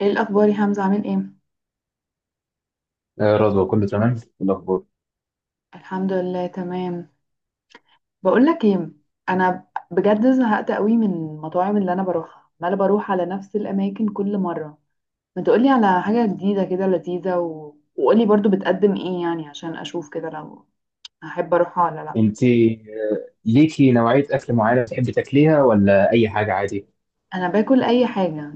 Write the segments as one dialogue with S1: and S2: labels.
S1: ايه الاخبار يا حمزه، عامل ايه؟
S2: آه، رضوى كله تمام. إيه الاخبار؟
S1: الحمد لله، تمام. بقول لك ايه. انا بجد زهقت قوي من المطاعم اللي انا بروحها، عماله بروح على نفس الاماكن كل مره. ما تقولي على حاجه جديده كده لذيذه، وقولي برضو بتقدم ايه يعني عشان اشوف كده لو هحب اروحها ولا لا.
S2: انت ليكي نوعيه اكل معينه بتحبي تاكليها ولا اي حاجه عادي؟
S1: انا باكل اي حاجه،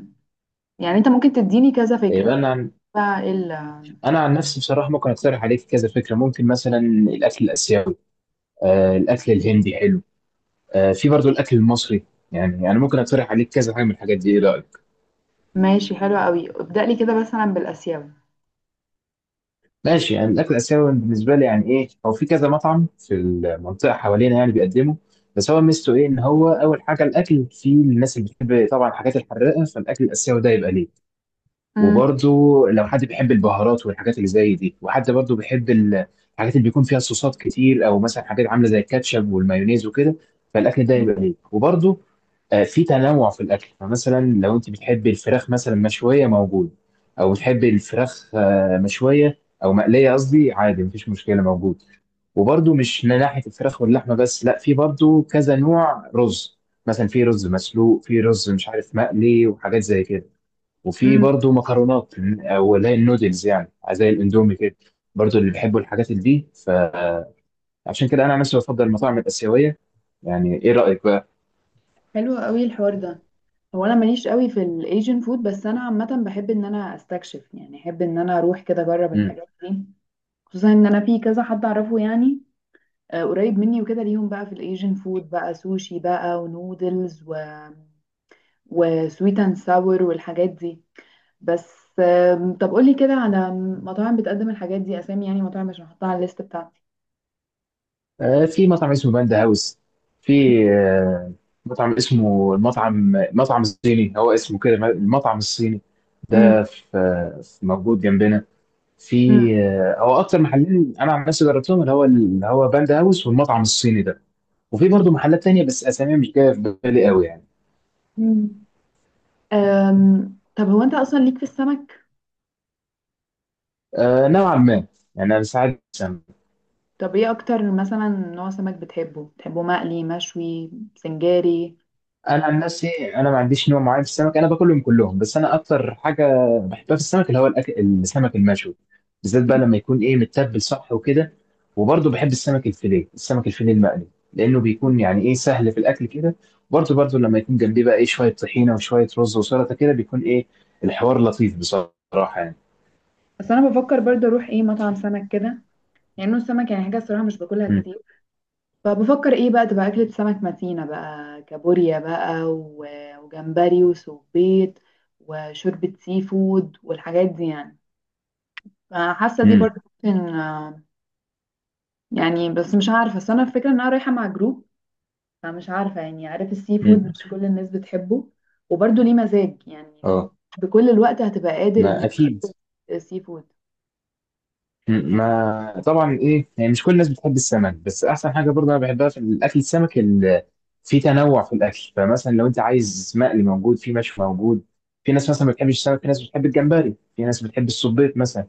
S1: يعني انت ممكن تديني كذا
S2: آه، بقى
S1: فكره.
S2: انا عن...
S1: فايه ال-
S2: انا عن نفسي بصراحه ممكن اقترح عليك كذا فكره، ممكن مثلا الاكل الاسيوي. الاكل الهندي حلو. في برضو الاكل المصري. يعني انا ممكن اقترح عليك كذا حاجه من الحاجات دي، ايه رايك؟
S1: ماشي حلو قوي، ابدأ لي كده مثلا بالاسيوي.
S2: ماشي. يعني الاكل الاسيوي بالنسبه لي يعني ايه، هو في كذا مطعم في المنطقه حوالينا يعني بيقدمه. بس هو ميزته ايه؟ ان هو اول حاجه الاكل في الناس اللي بتحب طبعا الحاجات الحراقه، فالاكل الاسيوي ده يبقى ليه.
S1: امم.
S2: وبرضو لو حد بيحب البهارات والحاجات اللي زي دي، وحد برضو بيحب الحاجات اللي بيكون فيها صوصات كتير، او مثلا حاجات عامله زي الكاتشب والمايونيز وكده، فالاكل ده يبقى ليه. وبرضو في تنوع في الاكل، فمثلا لو انت بتحب الفراخ مثلا مشويه موجود، او بتحب الفراخ مشويه او مقليه، قصدي عادي مفيش مشكله موجود. وبرضو مش من ناحيه الفراخ واللحمه بس، لا، في برضو كذا نوع رز، مثلا في رز مسلوق، في رز مش عارف مقلي وحاجات زي كده، وفي
S1: امم.
S2: برضو مكرونات او اللي هي النودلز، يعني زي الاندومي كده، برضو اللي بيحبوا الحاجات اللي دي. فعشان كده انا عن نفسي بفضل المطاعم الاسيويه. يعني ايه رايك بقى؟
S1: حلو قوي الحوار ده. هو انا ماليش قوي في الايجن فود، بس انا عامه بحب ان انا استكشف، يعني احب ان انا اروح كده اجرب
S2: مم.
S1: الحاجات دي. خصوصا ان انا في كذا حد اعرفه يعني قريب مني وكده، ليهم بقى في الايجن فود بقى سوشي بقى، ونودلز وسويت اند ساور والحاجات دي. بس. طب قولي كده على مطاعم بتقدم الحاجات دي، اسامي يعني، مطاعم عشان احطها على الليست بتاعتي.
S2: في مطعم اسمه باندا هاوس. في آه مطعم اسمه المطعم، مطعم الصيني، هو اسمه كده، المطعم الصيني
S1: مم.
S2: ده. في موجود جنبنا. في
S1: مم.
S2: هو اكتر محلين انا عن نفسي جربتهم، اللي هو باندا هاوس والمطعم الصيني ده. وفي برضه محلات تانية بس اساميها مش جايه في بالي قوي يعني.
S1: مم. طب هو انت اصلا ليك في السمك؟
S2: آه، نوعا ما. يعني انا ساعات السمك.
S1: طب ايه اكتر مثلا نوع سمك بتحبه مقلي مشوي سنجاري؟
S2: انا عن نفسي انا ما عنديش نوع معين في السمك، انا باكلهم كلهم، بس انا اكتر حاجه بحبها في السمك اللي هو الأكل السمك المشوي، بالذات بقى
S1: مم.
S2: لما يكون ايه متبل صح وكده. وبرضه بحب السمك الفيليه، السمك الفيليه المقلي، لانه بيكون يعني ايه سهل في الاكل كده. برضه لما يكون جنبيه بقى ايه شويه طحينه وشويه رز وسلطه كده، بيكون ايه الحوار لطيف بصراحه يعني.
S1: بس انا بفكر برضه اروح ايه مطعم سمك كده، يعني نوع السمك، يعني حاجه الصراحه مش باكلها كتير، فبفكر ايه بقى تبقى اكلة سمك متينة بقى، كابوريا بقى وجمبري وسبيط وشوربة سي فود والحاجات دي يعني. فحاسة دي
S2: امم.
S1: برضه ممكن، يعني، بس مش عارفة، بس انا الفكرة ان انا رايحة مع جروب، فمش عارفة يعني، عارف السي فود
S2: امم.
S1: مش كل الناس بتحبه، وبرضه ليه مزاج يعني،
S2: اه.
S1: بكل الوقت هتبقى قادر ان
S2: ما
S1: انت
S2: اكيد.
S1: تاكل سي فود؟
S2: ما طبعا، ايه يعني، مش كل الناس بتحب السمك، بس احسن حاجه برضه انا بحبها في الاكل السمك في تنوع في الاكل، فمثلا لو انت عايز مقلي موجود، في مشوي موجود. في ناس مثلا ما بتحبش السمك، في ناس بتحب الجمبري، في ناس بتحب الصبيط مثلا،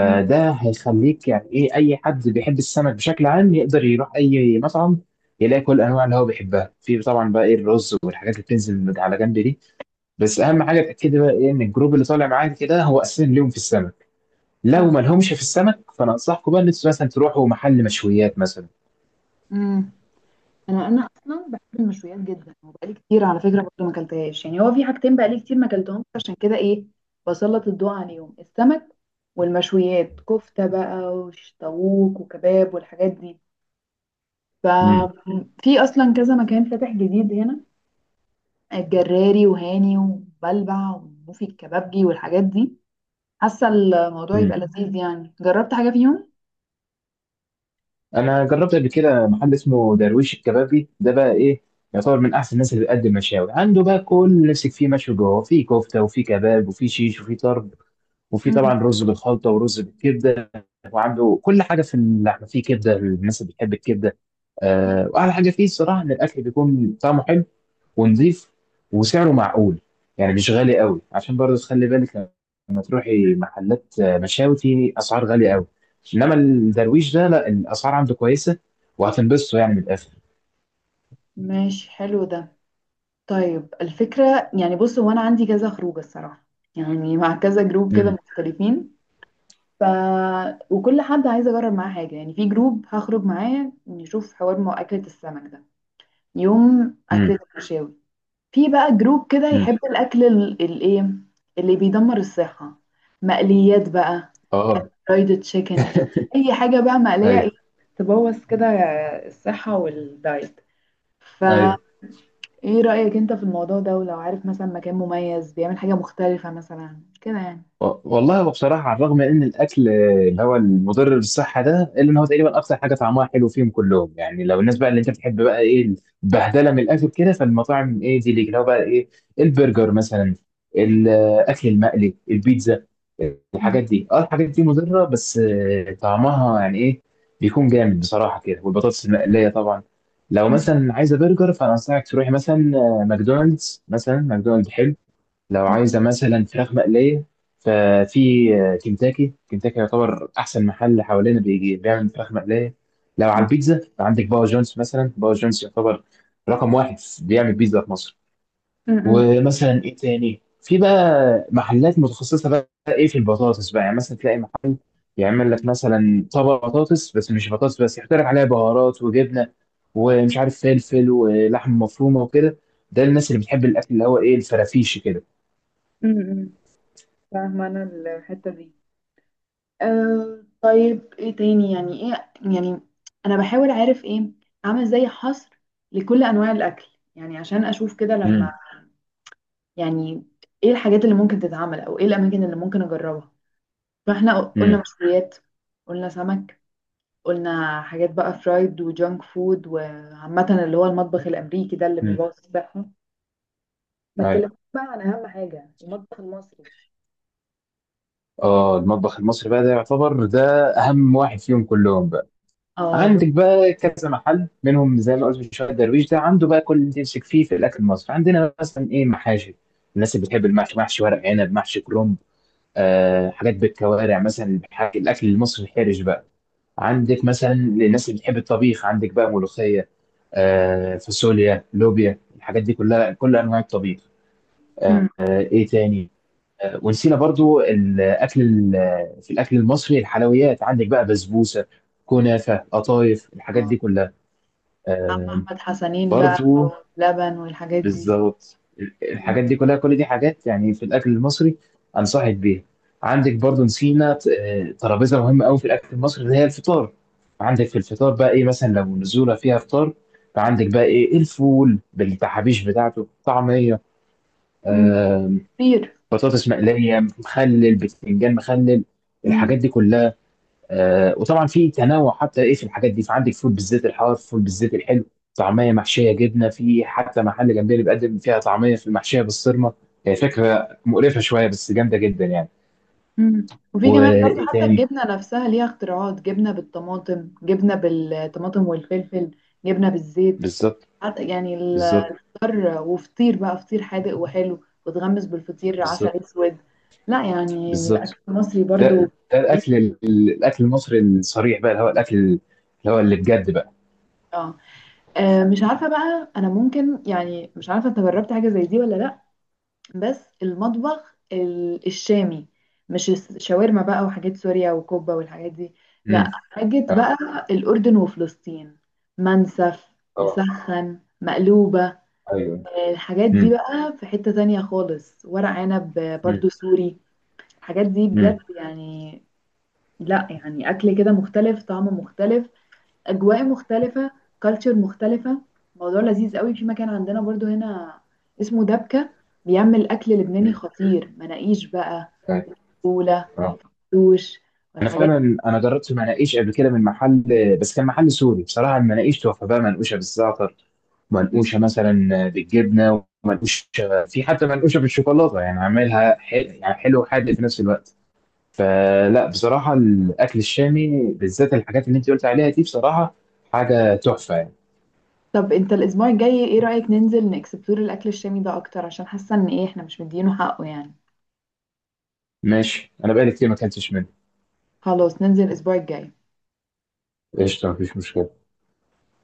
S1: مم.
S2: هيخليك يعني ايه اي حد بيحب السمك بشكل عام يقدر يروح اي مطعم يلاقي كل الانواع اللي هو بيحبها، في طبعا بقى ايه الرز والحاجات اللي بتنزل على جنب دي. بس اهم حاجه تاكدي بقى ايه ان الجروب اللي طالع معاك كده هو اساسا ليهم في السمك، لو
S1: آه.
S2: ما لهمش في السمك فانا انصحكم بقى ان انتوا مثلا تروحوا محل مشويات مثلا.
S1: مم. انا اصلا بحب المشويات جدا، وبقالي كتير على فكره برضه ما اكلتهاش، يعني هو في حاجتين بقالي كتير ما اكلتهمش، عشان كده ايه بسلط الضوء عليهم، السمك والمشويات، كفته بقى وشطاووك وكباب والحاجات دي.
S2: امم.
S1: ففي اصلا كذا مكان فاتح جديد هنا، الجراري وهاني وبلبع، وفي الكبابجي والحاجات دي. حاسه الموضوع يبقى
S2: امم.
S1: لذيذ يعني، جربت حاجه فيهم؟
S2: انا جربت قبل كده محل اسمه درويش الكبابي، ده بقى ايه يعتبر من احسن الناس اللي بتقدم مشاوي، عنده بقى كل اللي نفسك فيه مشوي جوه، في كفته وفي كباب وفي شيش وفي طرب، وفي طبعا رز بالخلطه ورز بالكبده، وعنده كل حاجه في اللحمه، في كبده للناس اللي بتحب الكبده.
S1: مم.
S2: آه، واحلى حاجه فيه الصراحه ان الاكل بيكون طعمه حلو ونضيف وسعره معقول، يعني مش غالي قوي، عشان برضه تخلي بالك لما تروحي محلات مشاوي في اسعار غاليه قوي، انما الدرويش ده لا، الاسعار عنده كويسه وهتنبسطوا يعني من الاخر.
S1: ماشي، حلو ده. طيب الفكرة يعني، بص هو أنا عندي كذا خروجة الصراحة، يعني مع كذا جروب كده
S2: امم.
S1: مختلفين، ف وكل حد عايز أجرب معاه حاجة، يعني في جروب هخرج معاه نشوف حوار مع أكلة السمك ده، يوم
S2: امم.
S1: أكلة المشاوي. في بقى جروب كده يحب
S2: امم.
S1: الأكل الإيه، اللي بيدمر الصحة، مقليات بقى،
S2: اه.
S1: فرايد تشيكن، أي حاجة بقى مقلية، إيه
S2: ايوه.
S1: تبوظ كده الصحة والدايت. ف
S2: ايوه.
S1: ايه رأيك انت في الموضوع ده؟ ولو عارف مثلا مكان مميز بيعمل حاجة مختلفة مثلا كده يعني.
S2: والله، هو بصراحة على الرغم ان الاكل اللي هو المضر بالصحة ده، الا ان هو تقريبا اكتر حاجة طعمها حلو فيهم كلهم، يعني لو الناس بقى اللي انت بتحب بقى ايه البهدلة من الاكل كده، فالمطاعم ايه دي ليك، اللي هو بقى ايه البرجر مثلا، الاكل المقلي، البيتزا،
S1: مم.
S2: الحاجات دي، اه الحاجات دي مضرة، بس طعمها يعني ايه بيكون جامد بصراحة كده، والبطاطس المقلية طبعا. لو
S1: مم.
S2: مثلا عايزة برجر فانا انصحك تروحي مثلا ماكدونالدز، مثلا ماكدونالدز حلو. لو
S1: مم.
S2: عايزة مثلا فراخ مقلية ففي كنتاكي، كنتاكي يعتبر أحسن محل حوالينا بيجي بيعمل فراخ مقلية. لو على البيتزا عندك باور جونز، مثلا باور جونز يعتبر رقم واحد بيعمل بيتزا في مصر.
S1: مم. مم.
S2: ومثلا إيه تاني، في بقى محلات متخصصة بقى إيه في البطاطس بقى، يعني مثلا تلاقي محل يعمل لك مثلا طبق بطاطس، بس مش بطاطس بس، يحط لك عليها بهارات وجبنة ومش عارف فلفل ولحم مفرومة وكده، ده الناس اللي بتحب الأكل اللي هو إيه الفرافيش كده.
S1: مم. فاهمة انا الحتة دي. أه طيب، ايه تاني يعني، ايه يعني انا بحاول اعرف، ايه اعمل زي حصر لكل انواع الاكل، يعني عشان اشوف كده لما
S2: امم.
S1: يعني ايه الحاجات اللي ممكن تتعمل، او ايه الاماكن اللي ممكن اجربها. فاحنا قلنا مشويات، قلنا سمك، قلنا حاجات بقى فرايد وجانك فود، وعامة اللي هو المطبخ الأمريكي ده اللي
S2: مم.
S1: بيبوظ الصحة. ما
S2: أيوة.
S1: اتكلمتش بقى عن اهم حاجه، المطبخ المصري.
S2: اه، المطبخ المصري بقى ده يعتبر ده اهم واحد فيهم كلهم بقى.
S1: اه.
S2: عندك بقى كذا محل منهم، زي ما قلت من شويه درويش ده، عنده بقى كل اللي تمسك فيه في الاكل المصري، عندنا مثلا ايه محاشي، الناس اللي بتحب المحشي، محشي ورق عنب، محشي كرنب. آه، حاجات بالكوارع مثلا، الاكل المصري الحرج بقى، عندك مثلا الناس اللي بتحب الطبيخ، عندك بقى ملوخيه، آه، فاصوليا، لوبيا، الحاجات دي كلها، كل انواع الطبيخ.
S1: مم.
S2: ايه تاني؟ ونسينا برضو الاكل في الاكل المصري الحلويات، عندك بقى بسبوسه، كنافه، قطايف، الحاجات
S1: اه.
S2: دي كلها.
S1: عم
S2: آه،
S1: أحمد حسنين بقى،
S2: برضو،
S1: واللبن والحاجات دي.
S2: بالظبط، الحاجات
S1: مم.
S2: دي كلها، كل دي حاجات يعني في الاكل المصري انصحك بيها. عندك برضو نسينا ترابيزه مهمه قوي في الاكل المصري، اللي هي الفطار. عندك في الفطار بقى ايه، مثلا لو نزوله فيها فطار فعندك بقى ايه الفول بالتحابيش بتاعته، طعميه،
S1: مم.
S2: آه،
S1: كتير.
S2: بطاطس مقليه، مخلل، بتنجان مخلل،
S1: مم.
S2: الحاجات دي كلها. وطبعا في تنوع حتى ايه في الحاجات دي، فعندك فول بالزيت الحار، فول بالزيت الحلو، طعميه محشيه جبنه، في حتى محل جنبي اللي بيقدم فيها طعميه في المحشيه بالصرمه، هي فكره مقرفه شويه بس جامده جدا يعني.
S1: مم. وفي كمان برضو
S2: وايه
S1: حتى
S2: تاني؟
S1: الجبنة نفسها ليها اختراعات، جبنة بالطماطم، جبنة بالطماطم والفلفل، جبنة بالزيت
S2: بالظبط.
S1: حتى يعني،
S2: بالظبط.
S1: فطار، وفطير بقى فطير حادق وحلو، وتغمس بالفطير عسل
S2: بالظبط.
S1: اسود. لا يعني الاكل
S2: بالظبط.
S1: المصري برضو،
S2: ده
S1: ليه.
S2: الاكل الاكل المصري الصريح بقى، اللي هو الاكل اللي هو اللي بجد بقى.
S1: اه. مش عارفه بقى انا، ممكن يعني، مش عارفه انت جربت حاجه زي دي ولا لا، بس المطبخ الشامي، مش الشاورما بقى وحاجات سوريا وكوبا والحاجات دي، لا
S2: امم.
S1: حاجه
S2: اه.
S1: بقى، الاردن وفلسطين، منسف،
S2: آه.
S1: مسخن، مقلوبه،
S2: ايوه.
S1: الحاجات دي
S2: امم.
S1: بقى في حتة تانية خالص، ورق عنب برضو سوري، الحاجات دي
S2: امم.
S1: بجد يعني، لا يعني اكل كده مختلف، طعم مختلف، اجواء مختلفه، كالتشر مختلفه، موضوع لذيذ قوي. في مكان عندنا برضو هنا اسمه دبكه، بيعمل اكل لبناني خطير، مناقيش بقى،
S2: طيب.
S1: وفوله،
S2: اه.
S1: دوش،
S2: انا
S1: والحاجات
S2: فعلا انا جربت المناقيش قبل كده من محل، بس كان محل سوري بصراحه. المناقيش تحفه بقى، منقوشه بالزعتر،
S1: دي.
S2: منقوشه مثلا بالجبنه، ومنقوشه في حتى منقوشه بالشوكولاته، يعني عاملها يعني حلو وحادق في نفس الوقت. فلا بصراحه الاكل الشامي بالذات الحاجات اللي انت قلت عليها دي بصراحه حاجه تحفه يعني.
S1: طب انت الاسبوع الجاي ايه رايك ننزل نكسبلور الاكل الشامي ده اكتر، عشان حاسه ان ايه احنا مش مدينه حقه يعني.
S2: ماشي، انا بقالي كتير ما اكلتش منه.
S1: خلاص ننزل الاسبوع الجاي
S2: قشطه، مفيش مشكله.